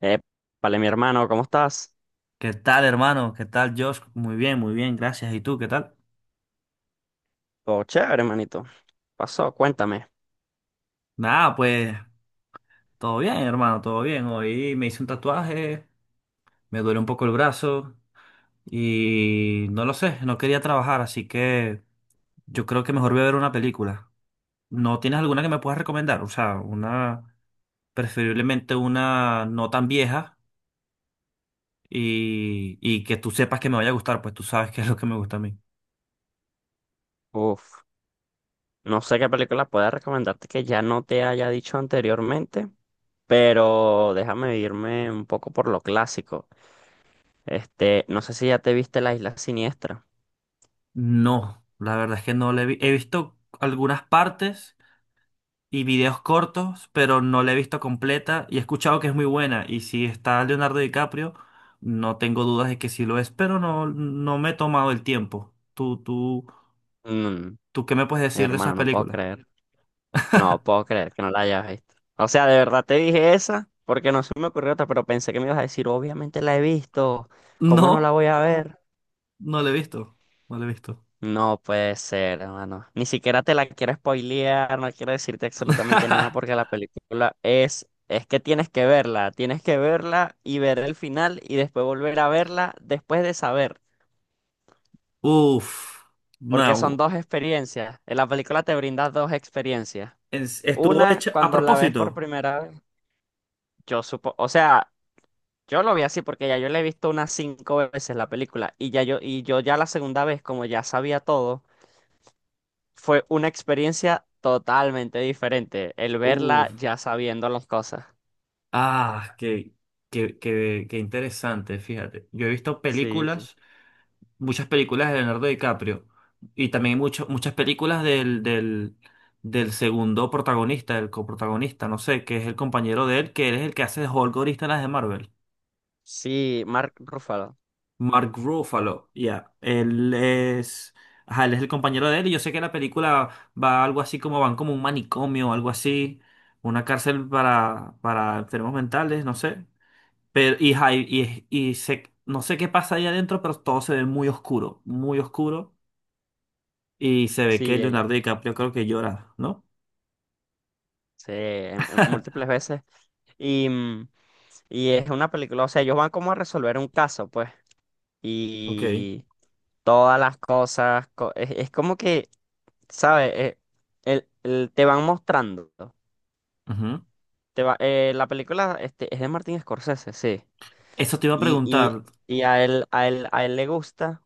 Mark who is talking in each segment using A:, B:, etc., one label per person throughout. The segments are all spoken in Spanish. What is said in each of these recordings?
A: Eh, vale, mi hermano, ¿cómo estás?
B: ¿Qué tal, hermano? ¿Qué tal, Josh? Muy bien, gracias. ¿Y tú, qué tal?
A: Todo chévere, hermanito. Pasó, cuéntame.
B: Nada, pues todo bien, hermano, todo bien. Hoy me hice un tatuaje, me duele un poco el brazo y no lo sé, no quería trabajar, así que yo creo que mejor voy a ver una película. ¿No tienes alguna que me puedas recomendar? O sea, una, preferiblemente una no tan vieja y que tú sepas que me vaya a gustar, pues tú sabes qué es lo que me gusta a mí.
A: Uf, no sé qué película pueda recomendarte que ya no te haya dicho anteriormente, pero déjame irme un poco por lo clásico. No sé si ya te viste La Isla Siniestra.
B: No, la verdad es que no le he vi- he visto algunas partes y videos cortos, pero no la he visto completa y he escuchado que es muy buena. Y si está Leonardo DiCaprio, no tengo dudas de que sí lo es, pero no, no me he tomado el tiempo. ¿
A: Mm,
B: tú qué me puedes decir de esas
A: Hermano, no puedo
B: películas?
A: creer. No puedo creer que no la hayas visto. O sea, de verdad te dije esa, porque no se me ocurrió otra, pero pensé que me ibas a decir, obviamente la he visto. ¿Cómo no la
B: No,
A: voy a ver?
B: no la he visto. No la he visto.
A: No puede ser, hermano. Ni siquiera te la quiero spoilear, no quiero decirte absolutamente nada porque la película es que tienes que verla y ver el final y después volver a verla después de saber,
B: Uf,
A: porque son
B: no.
A: dos experiencias. En la película te brinda dos experiencias.
B: Estuvo
A: Una,
B: hecho a
A: cuando la ves por
B: propósito.
A: primera vez, yo supo, o sea, yo lo vi así porque ya yo la he visto unas cinco veces la película y ya yo, y yo ya la segunda vez, como ya sabía todo. Fue una experiencia totalmente diferente el verla
B: Uf,
A: ya sabiendo las cosas.
B: ah, qué interesante, fíjate. Yo he visto
A: Sí, sí.
B: películas, muchas películas de Leonardo DiCaprio y también muchas películas del segundo protagonista, del coprotagonista, no sé, que es el compañero de él, que él es el que hace de Hulk ahorita en las de Marvel.
A: Sí, Mark Ruffalo.
B: Mark Ruffalo, ya. Él es. Ajá, él es el compañero de él y yo sé que la película va algo así como van como un manicomio, algo así, una cárcel para enfermos mentales, no sé. Pero, y, ajá, no sé qué pasa ahí adentro, pero todo se ve muy oscuro, muy oscuro. Y se ve que
A: Sí,
B: Leonardo DiCaprio creo que llora, ¿no?
A: sí, en múltiples veces. Y, y es una película, o sea, ellos van como a resolver un caso, pues.
B: Ok.
A: Y todas las cosas, es como que, ¿sabes? Te van mostrando.
B: Ujú.
A: La película es de Martin Scorsese, sí.
B: Eso te iba a preguntar.
A: Y a él, a él le gusta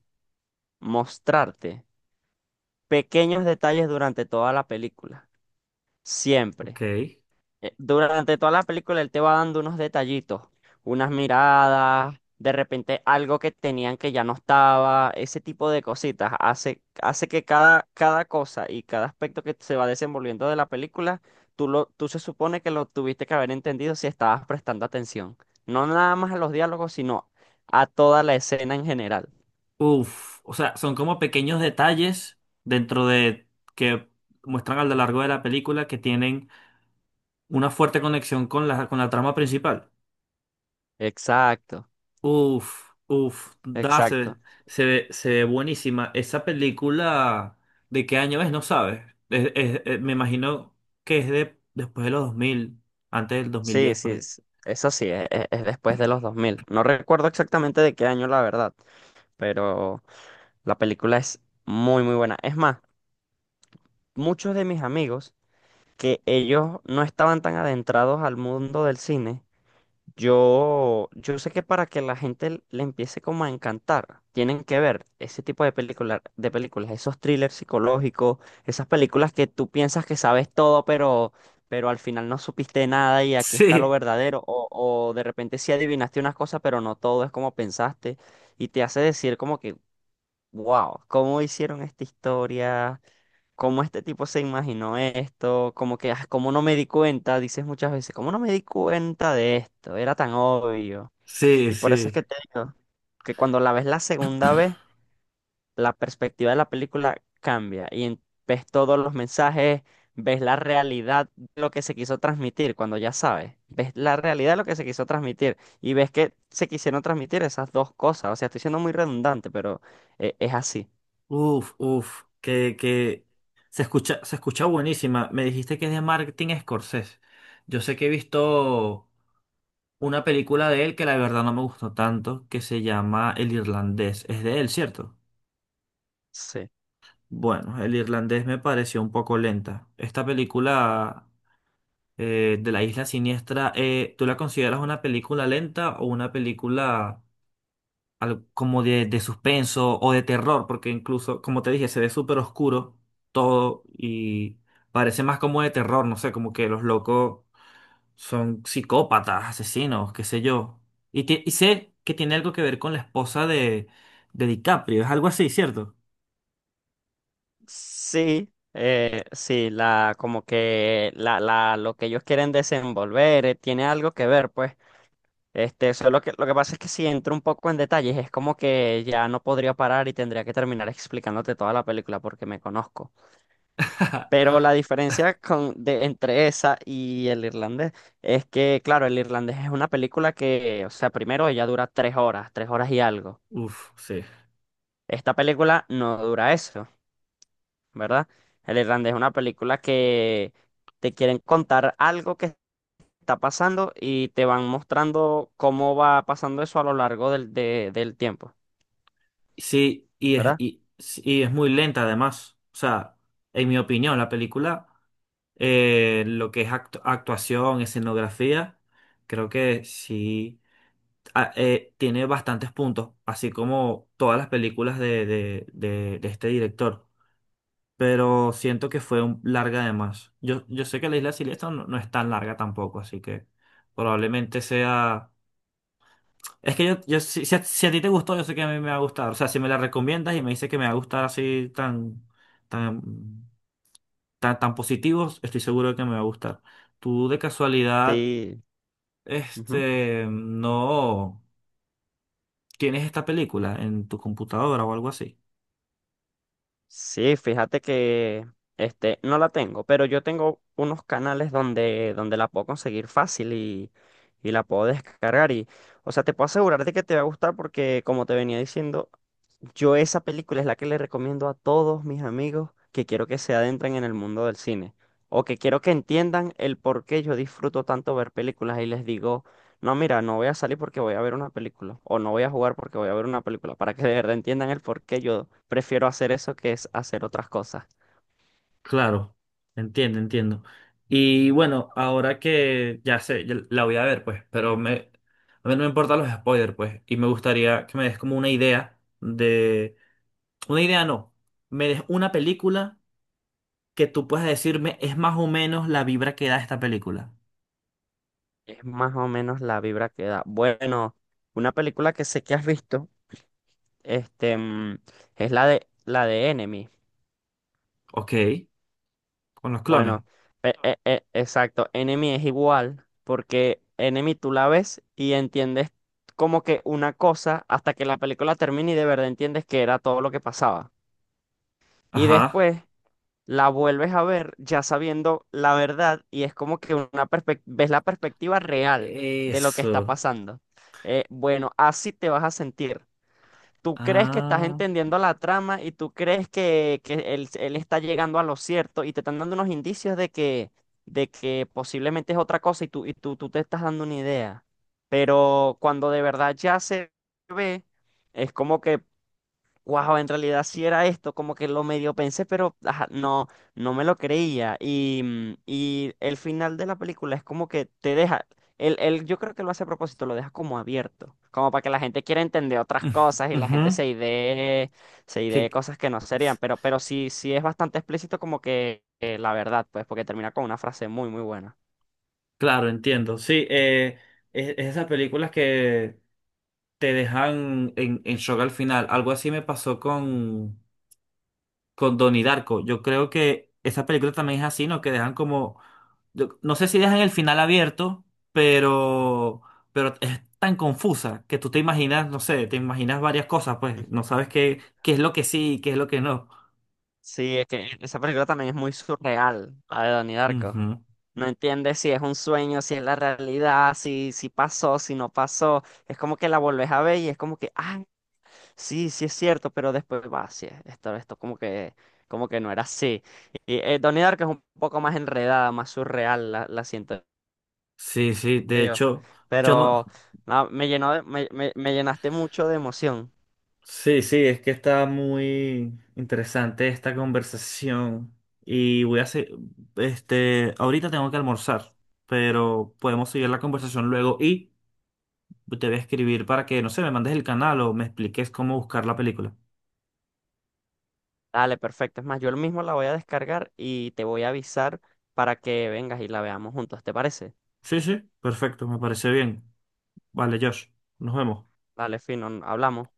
A: mostrarte pequeños detalles durante toda la película. Siempre.
B: Ok.
A: Durante toda la película él te va dando unos detallitos, unas miradas, de repente algo que tenían que ya no estaba, ese tipo de cositas. Hace que cada, cada cosa y cada aspecto que se va desenvolviendo de la película, tú, lo, tú se supone que lo tuviste que haber entendido si estabas prestando atención. No nada más a los diálogos, sino a toda la escena en general.
B: Uf. O sea, son como pequeños detalles dentro de que muestran a lo largo de la película que tienen una fuerte conexión con la trama principal.
A: Exacto,
B: Uf, uf.
A: exacto.
B: Se ve, se ve buenísima. Esa película, ¿de qué año es? No sabes. Me imagino que es de después de los 2000, antes del dos mil
A: Sí,
B: diez
A: sí,
B: por ahí.
A: eso sí, es, después de los 2000. No recuerdo exactamente de qué año, la verdad, pero la película es muy, muy buena. Es más, muchos de mis amigos que ellos no estaban tan adentrados al mundo del cine, yo sé que para que la gente le empiece como a encantar, tienen que ver ese tipo de películas, esos thrillers psicológicos, esas películas que tú piensas que sabes todo, pero al final no supiste nada y aquí está lo
B: Sí.
A: verdadero, o de repente sí adivinaste unas cosas, pero no todo es como pensaste, y te hace decir como que, wow, ¿cómo hicieron esta historia? ¿Cómo este tipo se imaginó esto? Como que, ah, cómo no me di cuenta, dices muchas veces, cómo no me di cuenta de esto, era tan obvio.
B: Sí,
A: Y por eso es
B: sí.
A: que te digo que cuando la ves la segunda vez, la perspectiva de la película cambia y ves todos los mensajes, ves la realidad de lo que se quiso transmitir, cuando ya sabes, ves la realidad de lo que se quiso transmitir y ves que se quisieron transmitir esas dos cosas. O sea, estoy siendo muy redundante, pero es así.
B: Uf, uf, que se escucha buenísima. Me dijiste que es de Martin Scorsese. Yo sé que he visto una película de él que la verdad no me gustó tanto, que se llama El Irlandés. Es de él, ¿cierto? Bueno, El Irlandés me pareció un poco lenta. Esta película, de la Isla Siniestra, ¿tú la consideras una película lenta o una película algo como de suspenso o de terror? Porque incluso, como te dije, se ve súper oscuro todo y parece más como de terror, no sé, como que los locos son psicópatas, asesinos, qué sé yo. Y, y sé que tiene algo que ver con la esposa de DiCaprio, es algo así, ¿cierto?
A: Sí, sí, como que lo que ellos quieren desenvolver tiene algo que ver, pues. Solo que lo que pasa es que si entro un poco en detalles, es como que ya no podría parar y tendría que terminar explicándote toda la película porque me conozco. Pero la diferencia entre esa y el irlandés es que, claro, el irlandés es una película que, o sea, primero ella dura tres horas y algo.
B: Uf, sí.
A: Esta película no dura eso. ¿Verdad? El Irlandés es una película que te quieren contar algo que está pasando y te van mostrando cómo va pasando eso a lo largo del tiempo,
B: Sí, y es,
A: ¿verdad?
B: y, sí, y es muy lenta además. O sea, en mi opinión, la película, lo que es actuación, escenografía, creo que sí, tiene bastantes puntos, así como todas las películas de este director. Pero siento que fue larga de más. Yo sé que la Isla Siniestra no, no es tan larga tampoco, así que probablemente sea. Es que yo, si a ti te gustó, yo sé que a mí me va a gustar. O sea, si me la recomiendas y me dices que me va a gustar así tan, tan positivos, estoy seguro de que me va a gustar. Tú de casualidad,
A: Sí. Ujú.
B: este, no, tienes esta película en tu computadora o algo así.
A: Sí, fíjate que no la tengo, pero yo tengo unos canales donde, donde la puedo conseguir fácil y la puedo descargar. Y, o sea, te puedo asegurar de que te va a gustar porque, como te venía diciendo, yo esa película es la que le recomiendo a todos mis amigos que quiero que se adentren en el mundo del cine o que quiero que entiendan el por qué yo disfruto tanto ver películas y les digo, no, mira, no voy a salir porque voy a ver una película o no voy a jugar porque voy a ver una película, para que de verdad entiendan el por qué yo prefiero hacer eso que es hacer otras cosas.
B: Claro, entiendo, entiendo. Y bueno, ahora que ya sé, ya la voy a ver, pues, pero me, a mí no me importan los spoilers, pues, y me gustaría que me des como una idea de, una idea no, me des una película que tú puedas decirme es más o menos la vibra que da esta película.
A: Es más o menos la vibra que da. Bueno, una película que sé que has visto, este, mm, es la de Enemy.
B: Ok, con los clones.
A: Bueno, exacto. Enemy es igual, porque Enemy tú la ves y entiendes como que una cosa hasta que la película termine y de verdad entiendes que era todo lo que pasaba. Y
B: Ajá.
A: después la vuelves a ver ya sabiendo la verdad y es como que ves la perspectiva real de lo que está
B: Eso.
A: pasando. Bueno, así te vas a sentir tú crees que estás
B: Ah.
A: entendiendo la trama y tú crees que, él está llegando a lo cierto y te están dando unos indicios de que posiblemente es otra cosa y tú, tú te estás dando una idea. Pero cuando de verdad ya se ve, es como que wow, en realidad sí era esto, como que lo medio pensé, pero ajá, no, no me lo creía. Y, y el final de la película es como que te deja, él yo creo que lo hace a propósito, lo deja como abierto, como para que la gente quiera entender otras cosas y la
B: Ujú.
A: gente se
B: ¿Qué,
A: idee cosas que no serían, pero sí, sí es bastante explícito como que la verdad, pues, porque termina con una frase muy, muy buena.
B: claro, entiendo. Sí, es esas películas que te dejan en shock al final. Algo así me pasó con Donnie Darko. Yo creo que esa película también es así, ¿no? Que dejan como, no sé si dejan el final abierto, pero, pero es tan confusa que tú te imaginas, no sé, te imaginas varias cosas, pues
A: Ujú.
B: no sabes qué, qué es lo que sí y qué es lo que no.
A: Sí, es que esa película también es muy surreal, la de Donnie Darko.
B: Ujú.
A: No entiendes si es un sueño, si es la realidad, si, si pasó, si no pasó. Es como que la volvés a ver y es como que, ah, sí, sí es cierto, pero después va, sí, esto como que no era así. Y Donnie Darko es un poco más enredada, más surreal, la siento
B: Sí, sí, de
A: yo.
B: hecho, yo
A: Pero
B: no.
A: no, me, me llenaste mucho de emoción.
B: Sí, sí, es que está muy interesante esta conversación y voy a hacer, este, ahorita tengo que almorzar, pero podemos seguir la conversación luego y te voy a escribir para que, no sé, me mandes el canal o me expliques cómo buscar la película.
A: Dale, perfecto. Es más, yo mismo la voy a descargar y te voy a avisar para que vengas y la veamos juntos, ¿te parece?
B: Sí, sí, perfecto, me parece bien. Vale, Josh, nos vemos.
A: Dale, fino, hablamos.